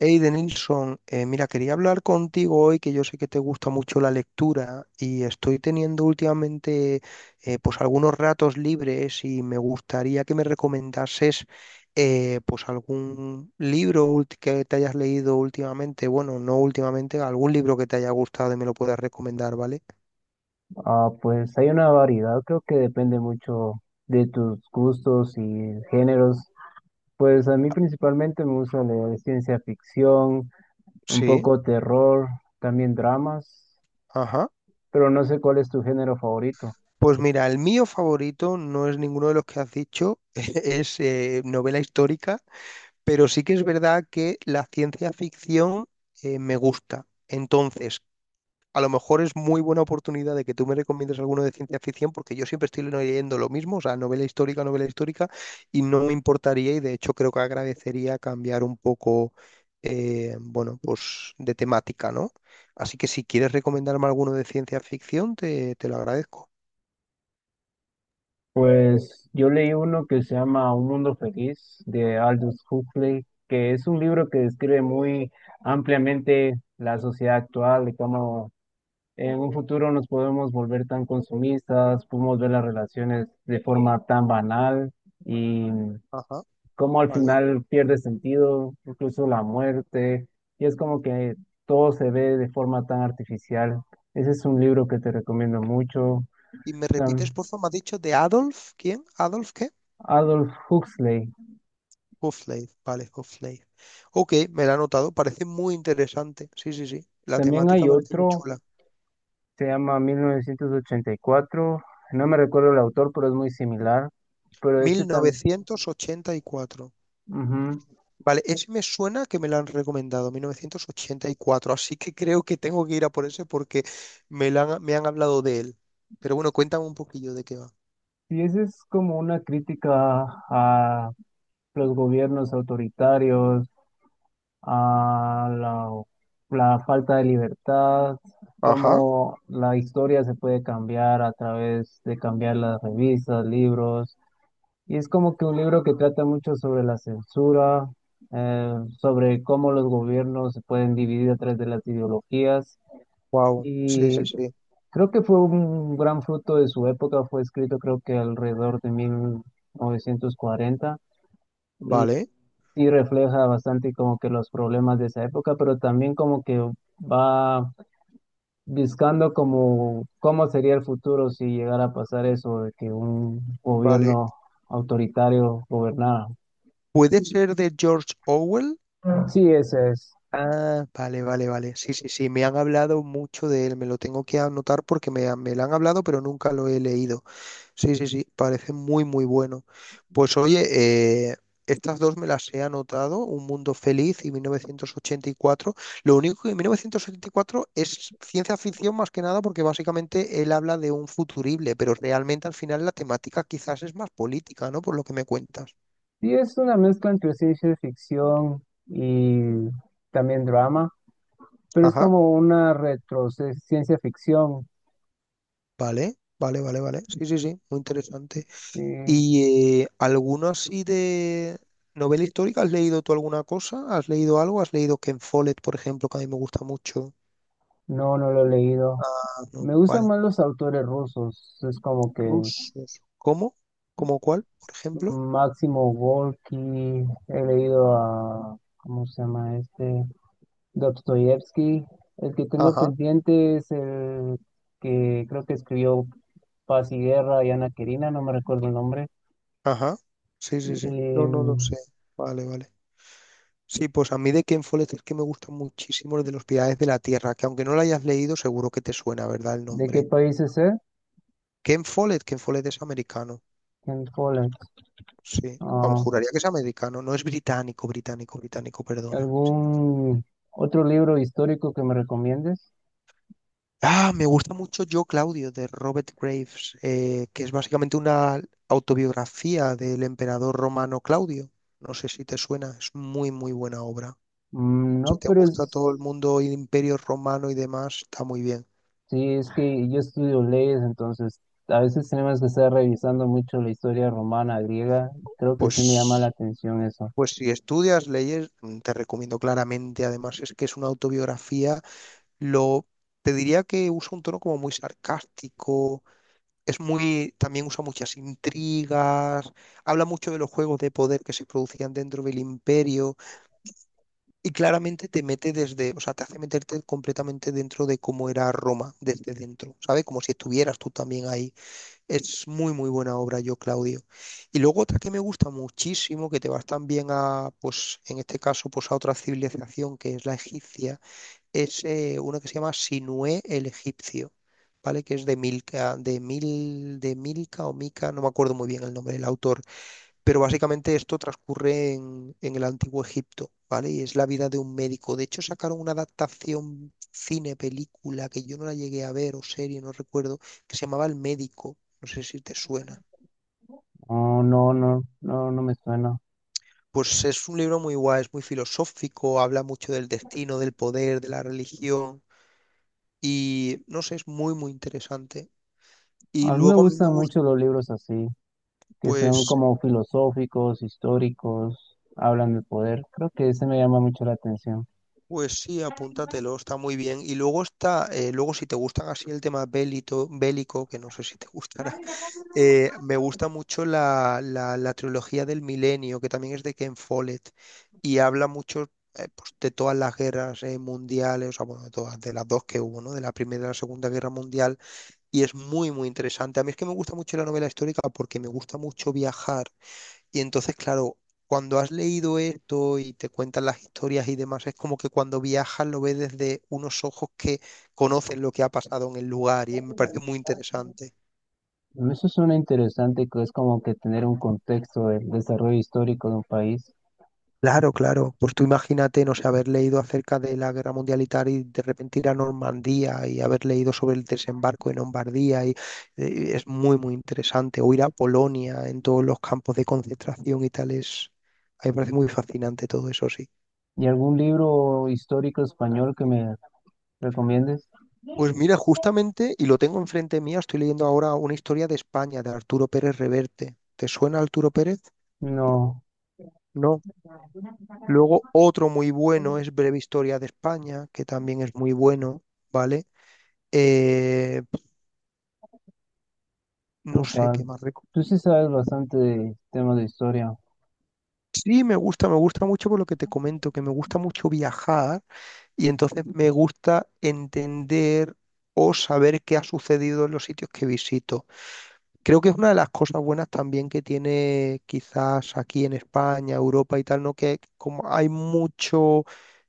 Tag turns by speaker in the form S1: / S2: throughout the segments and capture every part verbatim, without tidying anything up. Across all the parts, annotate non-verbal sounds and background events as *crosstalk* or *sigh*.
S1: Hey, Denilson, eh, mira, quería hablar contigo hoy, que yo sé que te gusta mucho la lectura y estoy teniendo últimamente eh, pues algunos ratos libres y me gustaría que me recomendases eh, pues algún libro ulti- que te hayas leído últimamente, bueno, no últimamente, algún libro que te haya gustado y me lo puedas recomendar, ¿vale?
S2: Ah, pues hay una variedad. Creo que depende mucho de tus gustos y géneros. Pues a mí principalmente me gusta leer ciencia ficción, un
S1: Sí,
S2: poco terror, también dramas,
S1: ajá.
S2: pero no sé cuál es tu género favorito.
S1: Pues mira, el mío favorito no es ninguno de los que has dicho, *laughs* es eh, novela histórica. Pero sí que es verdad que la ciencia ficción eh, me gusta. Entonces, a lo mejor es muy buena oportunidad de que tú me recomiendes alguno de ciencia ficción, porque yo siempre estoy leyendo lo mismo, o sea, novela histórica, novela histórica, y no me importaría, y de hecho creo que agradecería cambiar un poco, eh, bueno, pues de temática, ¿no? Así que si quieres recomendarme alguno de ciencia ficción, te, te lo agradezco.
S2: Pues yo leí uno que se llama Un Mundo Feliz de Aldous Huxley, que es un libro que describe muy ampliamente la sociedad actual y cómo en un futuro nos podemos volver tan consumistas, podemos ver las relaciones de forma tan banal y
S1: Ajá,
S2: cómo al
S1: vale.
S2: final pierde sentido, incluso la muerte, y es como que todo se ve de forma tan artificial. Ese es un libro que te recomiendo mucho.
S1: ¿Y me
S2: Tam-
S1: repites, por favor, me has dicho de Adolf? ¿Quién? ¿Adolf qué?
S2: Adolf Huxley.
S1: Half-Life, vale, Half-Life. Ok, me la he anotado, parece muy interesante. Sí, sí, sí, la
S2: También hay
S1: temática parece muy
S2: otro,
S1: chula.
S2: se llama mil novecientos ochenta y cuatro, no me recuerdo el autor, pero es muy similar, pero este
S1: Mil novecientos ochenta y cuatro.
S2: también...
S1: Vale, ese me suena que me lo han recomendado, Mil novecientos ochenta y cuatro. Así que creo que tengo que ir a por ese porque me, la han, me han hablado de él. Pero bueno, cuéntame un poquillo de qué va.
S2: Y esa es como una crítica a los gobiernos autoritarios, a la, la falta de libertad,
S1: Ajá.
S2: cómo la historia se puede cambiar a través de cambiar las revistas, libros. Y es como que un libro que trata mucho sobre la censura, eh, sobre cómo los gobiernos se pueden dividir a través de las ideologías.
S1: Wow, sí, sí,
S2: Y
S1: sí.
S2: creo que fue un gran fruto de su época, fue escrito creo que alrededor de mil novecientos cuarenta y
S1: Vale,
S2: sí refleja bastante como que los problemas de esa época, pero también como que va buscando como cómo sería el futuro si llegara a pasar eso de que un
S1: vale.
S2: gobierno autoritario gobernara.
S1: ¿Puede ser de George Orwell?
S2: Sí, esa es.
S1: Ah, vale, vale, vale. Sí, sí, sí, me han hablado mucho de él, me lo tengo que anotar porque me, han- me lo han hablado, pero nunca lo he leído. Sí, sí, sí, parece muy, muy bueno. Pues oye, eh, estas dos me las he anotado, Un Mundo Feliz y mil novecientos ochenta y cuatro. Lo único que mil novecientos ochenta y cuatro es ciencia ficción más que nada porque básicamente él habla de un futurible, pero realmente al final la temática quizás es más política, ¿no? Por lo que me cuentas.
S2: Sí, es una mezcla entre ciencia ficción y también drama, pero es
S1: Ajá,
S2: como una retro ciencia ficción.
S1: vale, vale, vale, vale. Sí, sí, sí, muy interesante.
S2: Sí,
S1: Y eh, algunos y de novela histórica, ¿has leído tú alguna cosa? ¿Has leído algo? ¿Has leído Ken Follett, por ejemplo, que a mí me gusta mucho?
S2: no, no lo he leído.
S1: Ah, no,
S2: Me
S1: vale.
S2: gustan más los autores rusos. Es como que
S1: Rusos. ¿Cómo? ¿Cómo cuál, por ejemplo?
S2: Máximo Gorki, he leído a, ¿cómo se llama este? Dostoyevsky. El que tengo
S1: Ajá,
S2: pendiente es el que creo que escribió Paz y Guerra y Ana Karenina, no me recuerdo el nombre.
S1: ajá. Sí, sí, sí. No, no lo
S2: Em,
S1: sé. Vale, vale. Sí, pues a mí de Ken Follett es que me gusta muchísimo el de los Pilares de la Tierra, que aunque no lo hayas leído, seguro que te suena, ¿verdad? El
S2: ¿de qué
S1: nombre.
S2: país es él?
S1: Ken Follett, Ken Follett es americano.
S2: En Poland.
S1: Sí. Vamos,
S2: Ah,
S1: juraría que es americano. No es británico, británico, británico, perdona.
S2: ¿algún otro libro histórico que me recomiendes?
S1: Ah, me gusta mucho Yo, Claudio, de Robert Graves, eh, que es básicamente una autobiografía del emperador romano Claudio. No sé si te suena, es muy, muy buena obra.
S2: Mm,
S1: Si
S2: no,
S1: te
S2: pero
S1: gusta todo el
S2: es-
S1: mundo, el imperio romano y demás, está muy bien.
S2: Sí, es que yo estudio leyes, entonces a veces tenemos que estar revisando mucho la historia romana, griega. Creo que sí me llama la
S1: Pues,
S2: atención eso.
S1: pues si estudias leyes, mm, te recomiendo claramente. Además, es que es una autobiografía, lo, te diría que usa un tono como muy sarcástico. Es muy, también usa muchas intrigas, habla mucho de los juegos de poder que se producían dentro del imperio y claramente te mete desde, o sea, te hace meterte completamente dentro de cómo era Roma desde dentro, ¿sabes? Como si estuvieras tú también ahí. Es muy, muy buena obra, yo, Claudio. Y luego otra que me gusta muchísimo, que te vas también a, pues, en este caso, pues a otra civilización que es la egipcia es eh, uno que se llama Sinué el Egipcio, ¿vale? Que es de Milka, de Mil, de Milka o Mica, no me acuerdo muy bien el nombre del autor, pero básicamente esto transcurre en, en el Antiguo Egipto, ¿vale? Y es la vida de un médico. De hecho, sacaron una adaptación cine, película, que yo no la llegué a ver, o serie, no recuerdo, que se llamaba El Médico. No sé si te suena.
S2: No, no, no, no, no me suena.
S1: Pues es un libro muy guay, es muy filosófico, habla mucho del destino, del poder, de la religión y no sé, es muy, muy interesante. Y
S2: A mí me
S1: luego a mí me
S2: gustan
S1: gusta,
S2: mucho los libros así, que son
S1: pues,
S2: como filosóficos, históricos, hablan del poder. Creo que ese me llama mucho la atención.
S1: pues sí, apúntatelo, está muy bien. Y luego está, eh, luego si te gustan así el tema bélito, bélico, que no sé si te gustará, *laughs* eh, me gusta mucho la, la, la trilogía del Milenio, que también es de Ken Follett, y habla mucho eh, pues, de todas las guerras eh, mundiales, o sea, bueno, de todas, de las dos que hubo, ¿no? De la Primera y la Segunda Guerra Mundial, y es muy, muy interesante. A mí es que me gusta mucho la novela histórica porque me gusta mucho viajar. Y entonces, claro, cuando has leído esto y te cuentan las historias y demás, es como que cuando viajas lo ves desde unos ojos que conocen lo que ha pasado en el lugar y me parece muy interesante.
S2: Eso suena interesante, que es como que tener un contexto del desarrollo histórico de un país.
S1: Claro, claro. Pues tú imagínate, no sé, haber leído acerca de la Guerra Mundial y tal y de repente ir a Normandía y haber leído sobre el desembarco en Lombardía y eh, es muy, muy interesante. O ir a Polonia en todos los campos de concentración y tal es... A mí me parece muy fascinante todo eso, sí.
S2: ¿Y algún libro histórico español que me recomiendes?
S1: Pues mira, justamente, y lo tengo enfrente mía, estoy leyendo ahora una historia de España de Arturo Pérez Reverte. ¿Te suena Arturo Pérez?
S2: No,
S1: No. Luego otro muy bueno es Breve Historia de España, que también es muy bueno, ¿vale? Eh, no sé
S2: ufa,
S1: qué más reco-
S2: tú sí sabes bastante de temas de historia.
S1: Sí, me gusta, me gusta mucho por lo que te comento, que me gusta mucho viajar y entonces me gusta entender o saber qué ha sucedido en los sitios que visito. Creo que es una de las cosas buenas también que tiene quizás aquí en España, Europa y tal, ¿no? Que como hay mucho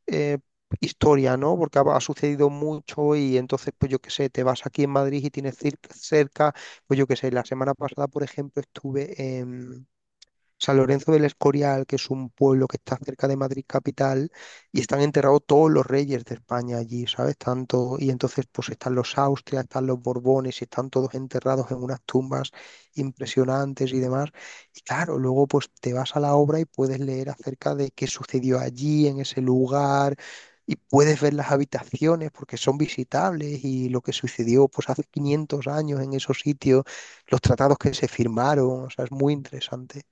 S1: eh, historia, ¿no? Porque ha, ha sucedido mucho y entonces, pues yo qué sé, te vas aquí en Madrid y tienes cir- cerca, pues yo qué sé, la semana pasada, por ejemplo, estuve en San Lorenzo del Escorial, que es un pueblo que está cerca de Madrid capital, y están enterrados todos los reyes de España allí, ¿sabes? Tanto, y entonces pues están los Austrias, están los Borbones, y están todos enterrados en unas tumbas impresionantes y demás. Y claro, luego pues te vas a la obra y puedes leer acerca de qué sucedió allí, en ese lugar. Y puedes ver las habitaciones porque son visitables y lo que sucedió pues hace quinientos años en esos sitios, los tratados que se firmaron, o sea, es muy interesante.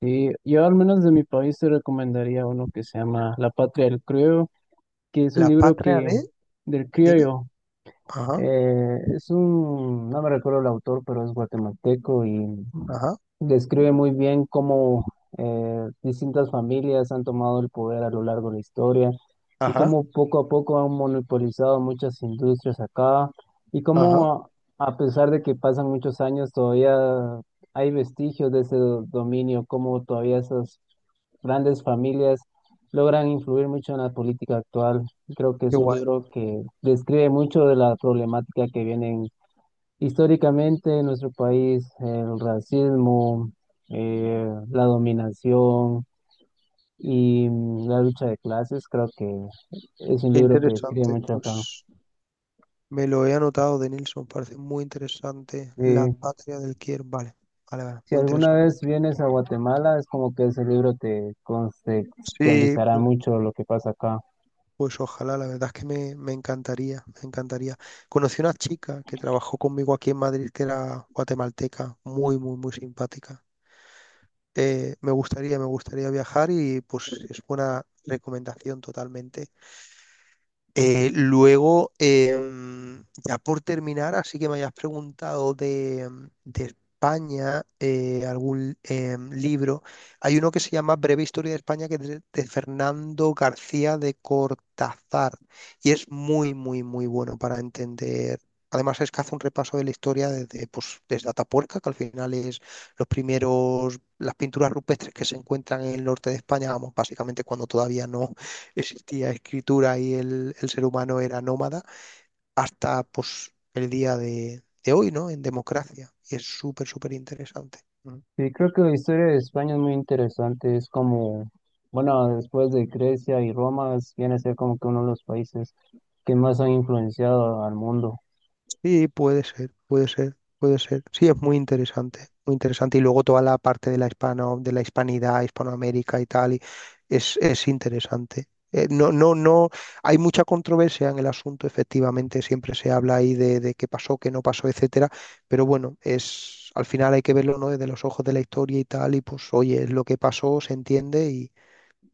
S2: Y yo al menos de mi país te recomendaría uno que se llama La Patria del Criollo, que es un
S1: La
S2: libro
S1: patria
S2: que
S1: de,
S2: del
S1: dime.
S2: criollo,
S1: Ajá,
S2: Eh, es un, no me recuerdo el autor, pero es guatemalteco y
S1: ajá,
S2: describe muy bien cómo eh, distintas familias han tomado el poder a lo largo de la historia y
S1: ajá,
S2: cómo poco a poco han monopolizado muchas industrias acá y
S1: ajá.
S2: cómo a, a pesar de que pasan muchos años todavía hay vestigios de ese do- dominio, cómo todavía esas grandes familias logran influir mucho en la política actual. Creo que
S1: Qué
S2: es un
S1: guay,
S2: libro que describe mucho de la problemática que vienen históricamente en nuestro país, el racismo, eh, la dominación y mm, la lucha de clases. Creo que es un
S1: qué
S2: libro que describe
S1: interesante.
S2: mucho acá.
S1: Pues me lo he anotado de Nilsson, parece muy interesante. La
S2: Eh,
S1: patria del Kier, vale, vale, vale,
S2: si
S1: muy
S2: alguna vez
S1: interesante.
S2: vienes a Guatemala, es como que ese libro te
S1: Sí,
S2: contextualizará
S1: pues,
S2: mucho lo que pasa acá.
S1: pues ojalá, la verdad es que me, me encantaría, me encantaría. Conocí una chica que trabajó conmigo aquí en Madrid, que era guatemalteca, muy, muy, muy simpática. Eh, me gustaría, me gustaría viajar y pues es buena recomendación totalmente. Eh, luego, em, ya por terminar, así que me hayas preguntado de, em, de España, eh, algún em, libro. Hay uno que se llama Breve Historia de España, que es de, de Fernando García de Cortázar, y es muy, muy, muy bueno para entender. Además, es que hace un repaso de la historia desde, pues, desde Atapuerca, que al final es los primeros, las pinturas rupestres que se encuentran en el norte de España, vamos, básicamente cuando todavía no existía escritura y el, el ser humano era nómada hasta pues, el día de, de hoy, ¿no? En democracia. Y es súper, súper interesante.
S2: Sí, creo que la historia de España es muy interesante. Es como, bueno, después de Grecia y Roma, es- viene a ser como que uno de los países que más han influenciado al mundo.
S1: Sí, puede ser, puede ser, puede ser. Sí, es muy interesante, muy interesante. Y luego toda la parte de la hispano, de la hispanidad, Hispanoamérica y tal, y es, es interesante. Eh, no, no, no, hay mucha controversia en el asunto, efectivamente, siempre se habla ahí de, de qué pasó, qué no pasó, etcétera, pero bueno, es, al final hay que verlo, ¿no? Desde los ojos de la historia y tal, y pues, oye, es lo que pasó, se entiende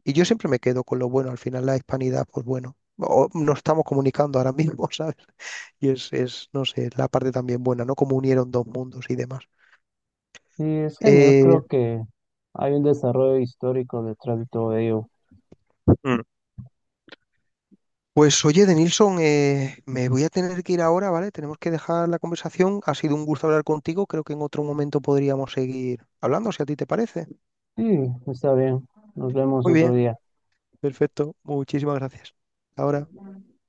S1: y yo siempre me quedo con lo bueno. Al final la hispanidad, pues bueno, o- nos estamos comunicando ahora mismo, *laughs* ¿sabes? Y es, es, no sé, la parte también buena, ¿no? Como unieron dos mundos y demás.
S2: Y es genial,
S1: Eh,
S2: creo que hay un desarrollo histórico detrás de todo ello.
S1: Mm. Pues oye, Denilson, eh, me voy a tener que ir ahora, ¿vale? Tenemos que dejar la conversación. Ha sido un gusto hablar contigo. Creo que en otro momento podríamos seguir hablando, si a ti te parece.
S2: Sí, está bien. Nos vemos
S1: Muy
S2: otro
S1: bien,
S2: día.
S1: perfecto. Muchísimas gracias. Ahora.